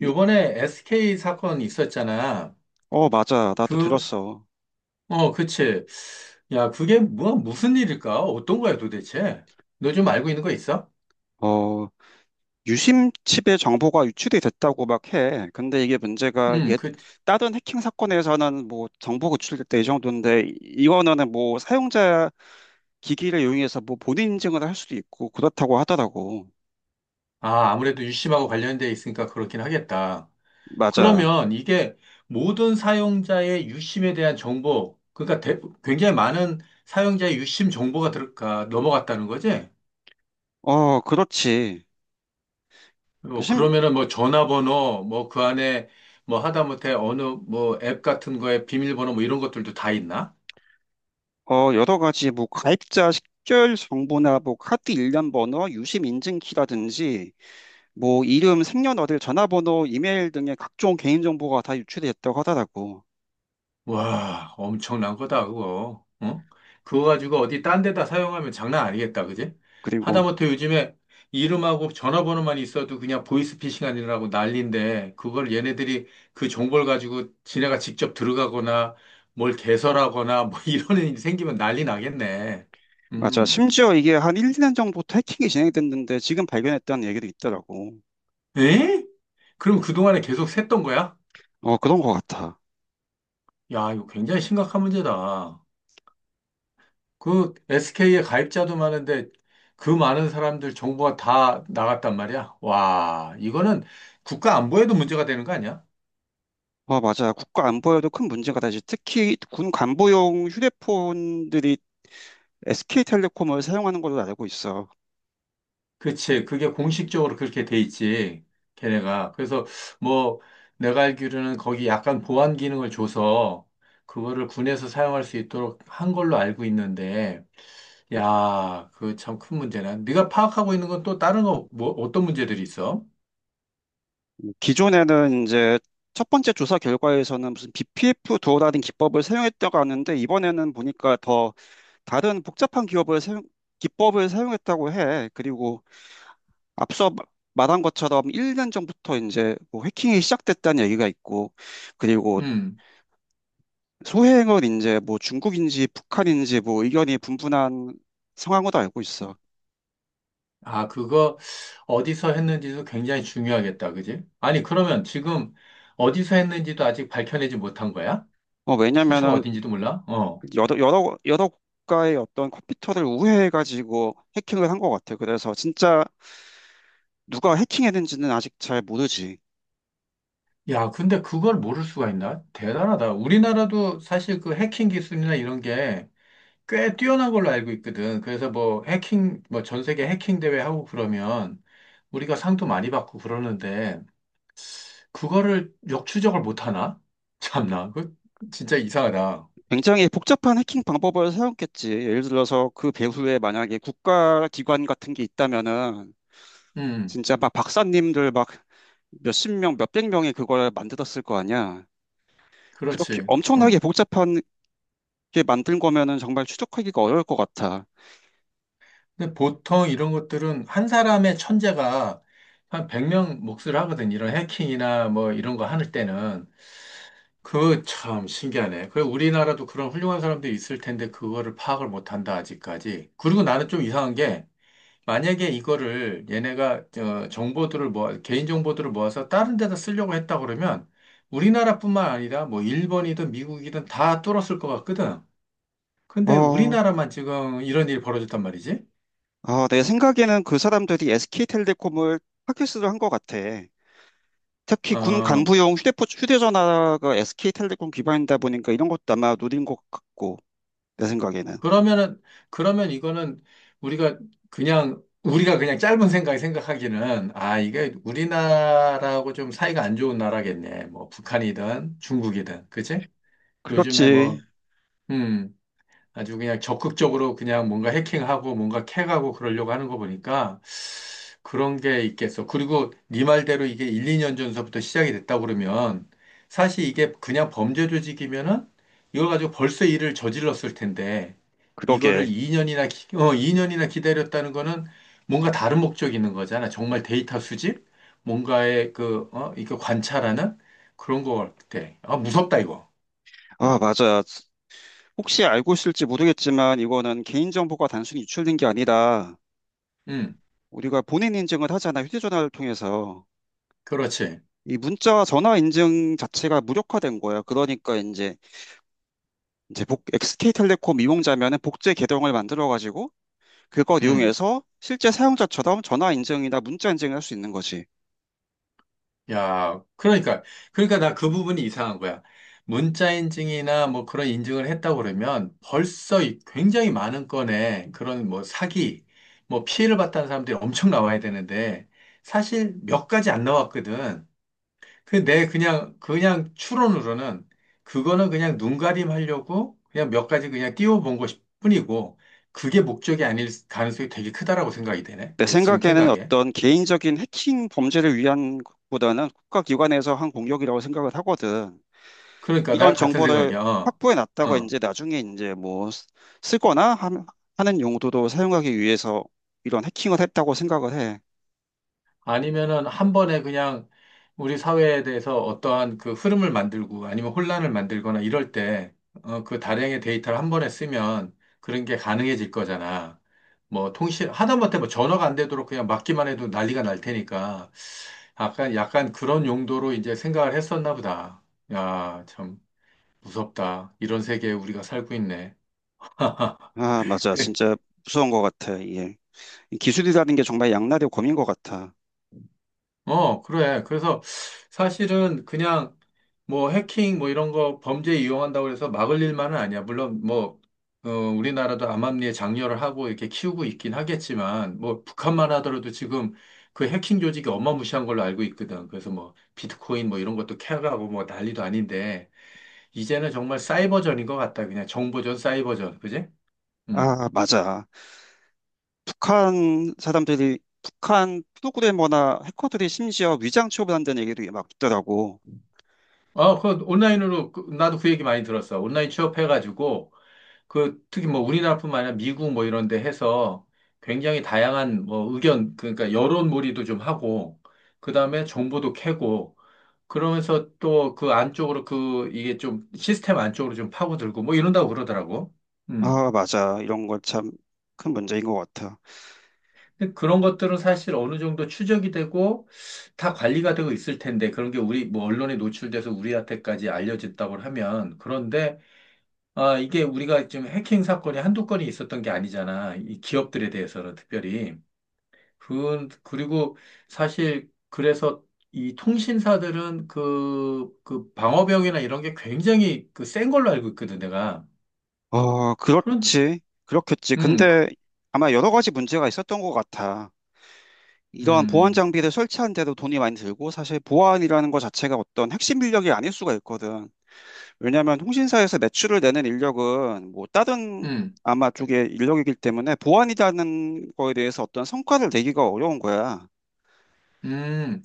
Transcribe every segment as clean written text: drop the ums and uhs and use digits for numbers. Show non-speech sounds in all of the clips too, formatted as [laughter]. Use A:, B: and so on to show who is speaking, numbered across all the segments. A: 이-
B: 요번에 SK 사건 있었잖아.
A: 어, 맞아. 나도
B: 그,
A: 들었어.
B: 어, 그치. 야, 그게 뭐, 무슨 일일까? 어떤 거야, 도대체? 너 좀 알고 있는 거 있어?
A: 어, 유심칩의 정보가 유출이 됐다고 막 해. 근데 이게 문제가 옛
B: 그,
A: 다른 해킹 사건에서는 뭐 정보가 유출될 때 이 정도인데 이거는 뭐 사용자 기기를 이용해서 뭐 본인 인증을 할 수도 있고 그렇다고 하더라고.
B: 아, 아무래도 유심하고 관련돼 있으니까 그렇긴 하겠다.
A: 맞아.
B: 그러면 이게 모든 사용자의 유심에 대한 정보, 그러니까 굉장히 많은 사용자의 유심 정보가 넘어갔다는 거지?
A: 어, 그렇지. 그
B: 뭐,
A: 심,
B: 그러면은 뭐 전화번호, 뭐 그 안에 뭐 하다못해 어느 뭐 앱 같은 거에 비밀번호 뭐 이런 것들도 다 있나?
A: 어, 여러 가지 뭐 가입자 식별 정보나 뭐 카드 일련 번호, 유심 인증키라든지 뭐 이름, 생년월일, 전화번호, 이메일 등의 각종 개인정보가 다 유출이 됐다고 하더라고.
B: 와, 엄청난 거다, 그거. 어? 그거 가지고 어디 딴 데다 사용하면 장난 아니겠다, 그지?
A: 그리고
B: 하다못해 요즘에 이름하고 전화번호만 있어도 그냥 보이스피싱 아니라고 난리인데, 그걸 얘네들이 그 정보를 가지고 지네가 직접 들어가거나 뭘 개설하거나 뭐 [laughs] 이런 일이 생기면 난리 나겠네.
A: 맞아.
B: 음.
A: 심지어 이게 한 1, 2년 전부터 해킹이 진행됐는데 지금 발견했다는 얘기도 있더라고.
B: 에? 그럼 그동안에 계속 샜던 거야?
A: 어, 그런 것 같아.
B: 야, 이거 굉장히 심각한 문제다. 그 SK에 가입자도 많은데 그 많은 사람들 정보가 다 나갔단 말이야. 와, 이거는 국가 안보에도 문제가 되는 거 아니야?
A: 어, 맞아. 국가 안보에도 큰 문제가 되지. 특히 군 간부용 휴대폰들이 SK텔레콤을 사용하는 걸로 알고 있어.
B: 그치. 그게 공식적으로 그렇게 돼 있지. 걔네가. 그래서 뭐 내가 알기로는 거기 약간 보안 기능을 줘서 그거를 군에서 사용할 수 있도록 한 걸로 알고 있는데, 야, 그 참 큰 문제네. 네가 파악하고 있는 건 또 다른 거, 뭐, 어떤 문제들이 있어?
A: 기존에는 이제 첫 번째 조사 결과에서는 무슨 BPF 도어라는 기법을 사용했다고 하는데 이번에는 보니까 더 다른 복잡한 기업을 사용, 기법을 사용했다고 해. 그리고 앞서 말한 것처럼 1년 전부터 이제 뭐 해킹이 시작됐다는 얘기가 있고, 그리고
B: 음.
A: 소행은 이제 뭐 중국인지 북한인지 뭐 의견이 분분한 상황으로 알고 있어.
B: 아, 그거 어디서 했는지도 굉장히 중요하겠다, 그지? 아니, 그러면 지금 어디서 했는지도 아직 밝혀내지 못한 거야? 출처가
A: 왜냐면은
B: 어딘지도 몰라? 어.
A: 여러 국가의 어떤 컴퓨터를 우회해가지고 해킹을 한 것 같아. 그래서 진짜 누가 해킹했는지는 아직 잘 모르지.
B: 야, 근데 그걸 모를 수가 있나? 대단하다. 우리나라도 사실 그 해킹 기술이나 이런 게 꽤 뛰어난 걸로 알고 있거든. 그래서 뭐 해킹, 뭐 전 세계 해킹 대회 하고 그러면 우리가 상도 많이 받고 그러는데 그거를 역추적을 못 하나? [laughs] 참나, 그 진짜 이상하다.
A: 굉장히 복잡한 해킹 방법을 사용했겠지. 예를 들어서 그 배후에 만약에 국가기관 같은 게 있다면은
B: 음,
A: 진짜 막 박사님들 막 몇십 명, 몇백 명이 그걸 만들었을 거 아니야. 그렇게
B: 그렇지.
A: 엄청나게
B: 응.
A: 복잡한 게 만든 거면은 정말 추적하기가 어려울 것 같아.
B: 근데 보통 이런 것들은 한 사람의 천재가 한 100명 몫을 하거든. 이런 해킹이나 뭐 이런 거 하는 때는. 그거 참 신기하네. 그 우리나라도 그런 훌륭한 사람들이 있을 텐데 그거를 파악을 못 한다, 아직까지. 그리고 나는 좀 이상한 게 만약에 이거를 얘네가 어, 정보들을 모아, 개인 정보들을 모아서 다른 데다 쓰려고 했다 그러면 우리나라뿐만 아니라 뭐 일본이든 미국이든 다 뚫었을 것 같거든. 근데
A: 어,
B: 우리나라만 지금 이런 일이 벌어졌단 말이지.
A: 어, 내 생각에는 그 사람들이 SK텔레콤을 타깃으로 한 것 같아. 특히 군
B: 어,
A: 간부용 휴대폰, 휴대전화가 SK텔레콤 기반이다 보니까 이런 것도 아마 노린 것 같고. 내 생각에는.
B: 그러면은, 그러면 이거는 우리가 그냥, 우리가 그냥 짧은 생각에 생각하기는, 아, 이게 우리나라하고 좀 사이가 안 좋은 나라겠네. 뭐, 북한이든 중국이든. 그치? 요즘에
A: 그렇지.
B: 뭐, 음, 아주 그냥 적극적으로 그냥 뭔가 해킹하고 뭔가 캐가고 그러려고 하는 거 보니까 그런 게 있겠어. 그리고 네 말대로 이게 1, 2년 전서부터 시작이 됐다 그러면 사실 이게 그냥 범죄 조직이면은 이걸 가지고 벌써 일을 저질렀을 텐데
A: 그러게.
B: 이거를 2년이나 어, 이 년이나 기다렸다는 거는 뭔가 다른 목적이 있는 거잖아. 정말 데이터 수집? 뭔가의 그, 어, 이거 관찰하는 그런 거 같아. 아, 무섭다, 이거.
A: 아,
B: 어,
A: 맞아. 혹시 알고 있을지 모르겠지만 이거는 개인정보가 단순히 유출된 게 아니라
B: 음,
A: 우리가 본인 인증을 하잖아. 휴대전화를 통해서.
B: 그렇지.
A: 이 문자와 전화 인증 자체가 무력화된 거야. 그러니까 이제 복 SK텔레콤 이용자면은 복제 계정을 만들어 가지고 그걸
B: 음.
A: 이용해서 실제 사용자처럼 전화 인증이나 문자 인증을 할 수 있는 거지.
B: 야, 그러니까, 그러니까 나 그 부분이 이상한 거야. 문자 인증이나 뭐 그런 인증을 했다고 그러면 벌써 이 굉장히 많은 건의 그런 뭐 사기, 뭐 피해를 봤다는 사람들이 엄청 나와야 되는데 사실 몇 가지 안 나왔거든. 근데 내 그냥, 그냥 추론으로는 그거는 그냥 눈가림 하려고 그냥 몇 가지 그냥 띄워본 것 뿐이고 그게 목적이 아닐 가능성이 되게 크다라고 생각이 되네.
A: 내
B: 내 지금
A: 생각에는
B: 생각에.
A: 어떤 개인적인 해킹 범죄를 위한 것보다는 국가기관에서 한 공격이라고 생각을 하거든.
B: 그러니까 나
A: 이런
B: 같은
A: 정보를
B: 생각이야. 어.
A: 확보해 놨다가
B: 어.
A: 이제 나중에 이제 뭐 쓰거나 하는 용도도 사용하기 위해서 이런 해킹을 했다고 생각을 해.
B: 아니면은 한 번에 그냥 우리 사회에 대해서 어떠한 그 흐름을 만들고 아니면 혼란을 만들거나 이럴 때, 어, 그 다량의 데이터를 한 번에 쓰면 그런 게 가능해질 거잖아. 뭐 통신, 하다못해 뭐 전화가 안 되도록 그냥 막기만 해도 난리가 날 테니까 약간, 약간 그런 용도로 이제 생각을 했었나 보다. 야, 참 무섭다. 이런 세계에 우리가 살고 있네.
A: 아, 맞아.
B: [laughs]
A: 진짜 무서운 것 같아. 이게. 이 기술이라는 게 정말 양날의 검인 것 같아.
B: 어, 그래. 그래서 사실은 그냥 뭐 해킹 뭐 이런 거 범죄 이용한다고 해서 막을 일만은 아니야. 물론 뭐, 어, 우리나라도 암암리에 장려를 하고 이렇게 키우고 있긴 하겠지만, 뭐 북한만 하더라도 지금 그 해킹 조직이 어마무시한 걸로 알고 있거든. 그래서 뭐 비트코인 뭐 이런 것도 캐가고 뭐 난리도 아닌데, 이제는 정말 사이버전인 것 같다. 그냥 정보전, 사이버전. 그지? 음.
A: 아, 맞아. 북한 사람들이, 북한 프로그래머나 해커들이 심지어 위장 취업을 한다는 얘기도 막 있더라고.
B: 아, 그 온라인으로, 나도 그 얘기 많이 들었어. 온라인 취업해가지고, 그 특히 뭐 우리나라뿐만 아니라 미국 뭐 이런 데 해서 굉장히 다양한 뭐 의견 그러니까 여론몰이도 좀 하고 그다음에 정보도 캐고 그러면서 또 그 안쪽으로 그 이게 좀 시스템 안쪽으로 좀 파고들고 뭐 이런다고 그러더라고. 음.
A: 아, 맞아. 이런 거 참 큰 문제인 것 같아.
B: 근데 그런 것들은 사실 어느 정도 추적이 되고 다 관리가 되고 있을 텐데 그런 게 우리 뭐 언론에 노출돼서 우리한테까지 알려졌다고 하면 그런데 아 이게 우리가 지금 해킹 사건이 한두 건이 있었던 게 아니잖아. 이 기업들에 대해서는 특별히. 그, 그리고 사실 그래서 이 통신사들은 그, 그 방어병이나 이런 게 굉장히 그 센 걸로 알고 있거든, 내가.
A: 어,
B: 그런,
A: 그렇지. 그렇겠지.
B: 그-
A: 근데 아마 여러 가지 문제가 있었던 것 같아. 이러한 보안
B: 음,
A: 장비를 설치하는데도 돈이 많이 들고 사실 보안이라는 것 자체가 어떤 핵심 인력이 아닐 수가 있거든. 왜냐하면 통신사에서 매출을 내는 인력은 뭐 다른
B: 음,
A: 아마 쪽의 인력이기 때문에 보안이라는 거에 대해서 어떤 성과를 내기가 어려운 거야.
B: 음.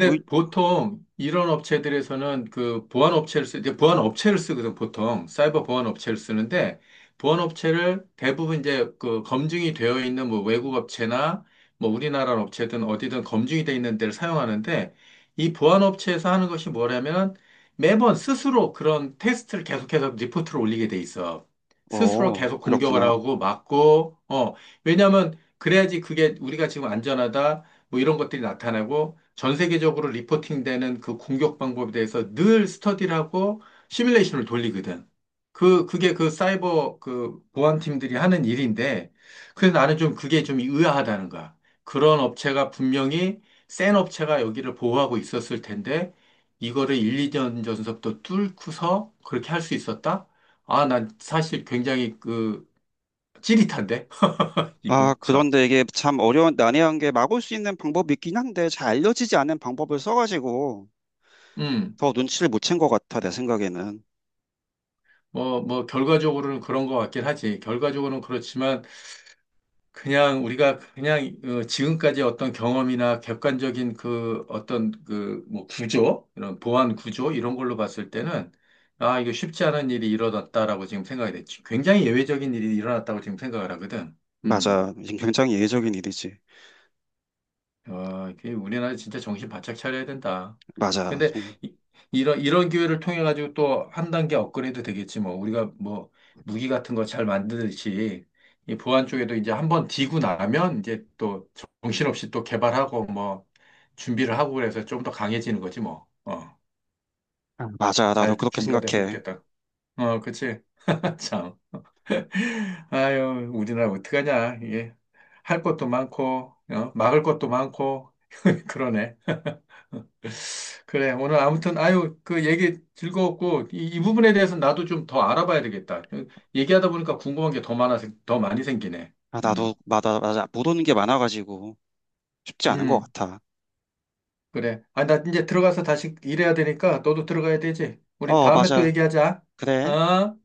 A: 오이-
B: 보통 이런 업체들에서는 그 보안 업체를 이제 보안 업체를 쓰거든, 보통. 사이버 보안 업체를 쓰는데, 보안 업체를 대부분 이제 그 검증이 되어 있는 뭐 외국 업체나 뭐 우리나라 업체든 어디든 검증이 되어 있는 데를 사용하는데, 이 보안 업체에서 하는 것이 뭐냐면, 매번 스스로 그런 테스트를 계속해서 리포트를 올리게 돼 있어. 스스로
A: 어,
B: 계속 공격을
A: 그렇구나.
B: 하고 막고, 어, 왜냐면 그래야지 그게 우리가 지금 안전하다, 뭐 이런 것들이 나타나고, 전 세계적으로 리포팅되는 그 공격 방법에 대해서 늘 스터디를 하고 시뮬레이션을 돌리거든. 그, 그게 그 사이버 그 보안팀들이 하는 일인데, 그래서 나는 좀 그게 좀 의아하다는 거야. 그런 업체가 분명히 센 업체가 여기를 보호하고 있었을 텐데, 이거를 1, 2년 전서부터 뚫고서 그렇게 할 수 있었다? 아, 난 사실 굉장히 그 찌릿한데? [laughs]
A: 아,
B: 이거, 참.
A: 그런데 이게 참 어려운, 난해한 게 막을 수 있는 방법이 있긴 한데 잘 알려지지 않은 방법을 써가지고
B: 음,
A: 더 눈치를 못 챈 것 같아, 내 생각에는.
B: 뭐, 뭐, 결과적으로는 그런 것 같긴 하지. 결과적으로는 그렇지만, 그냥 우리가 그냥 어, 지금까지 어떤 경험이나 객관적인 그 어떤 그 뭐 구조, 이런 보안 구조 이런 걸로 봤을 때는 아, 이거 쉽지 않은 일이 일어났다라고 지금 생각이 됐지. 굉장히 예외적인 일이 일어났다고 지금 생각을 하거든. 음.
A: 맞아. 굉장히 예외적인 일이지.
B: 와, 이게 우리나라 진짜 정신 바짝 차려야 된다.
A: 맞아.
B: 근데 이, 이런 이런 기회를 통해 가지고 또 한 단계 업그레이드 되겠지 뭐. 우리가 뭐 무기 같은 거 잘 만드듯이 이 보안 쪽에도 이제 한번 디고 나면 이제 또 정신없이 또 개발하고 뭐 준비를 하고 그래서 좀 더 강해지는 거지 뭐. 어.
A: 아, 맞아. 나도
B: 잘
A: 그렇게
B: 준비가 됐으면
A: 생각해.
B: 좋겠다. 어, 그치? [laughs] 참. 아유, 우리나라 어떡하냐. 이게 할 것도 많고, 어? 막을 것도 많고, [laughs] 그러네. 그래. 오늘 아무튼, 아유, 그 얘기 즐거웠고, 이, 이 부분에 대해서 나도 좀 더 알아봐야 되겠다. 얘기하다 보니까 궁금한 게 더 많아, 더 많이 생기네.
A: 아, 나도,
B: 음,
A: 맞아, 맞아. 못 오는 게 많아가지고 쉽지 않은 것
B: 음,
A: 같아.
B: 그래. 아, 나 이제 들어가서 다시 일해야 되니까 너도 들어가야 되지. 우리
A: 어,
B: 다음에 또
A: 맞아.
B: 얘기하자.
A: 그래.
B: 어?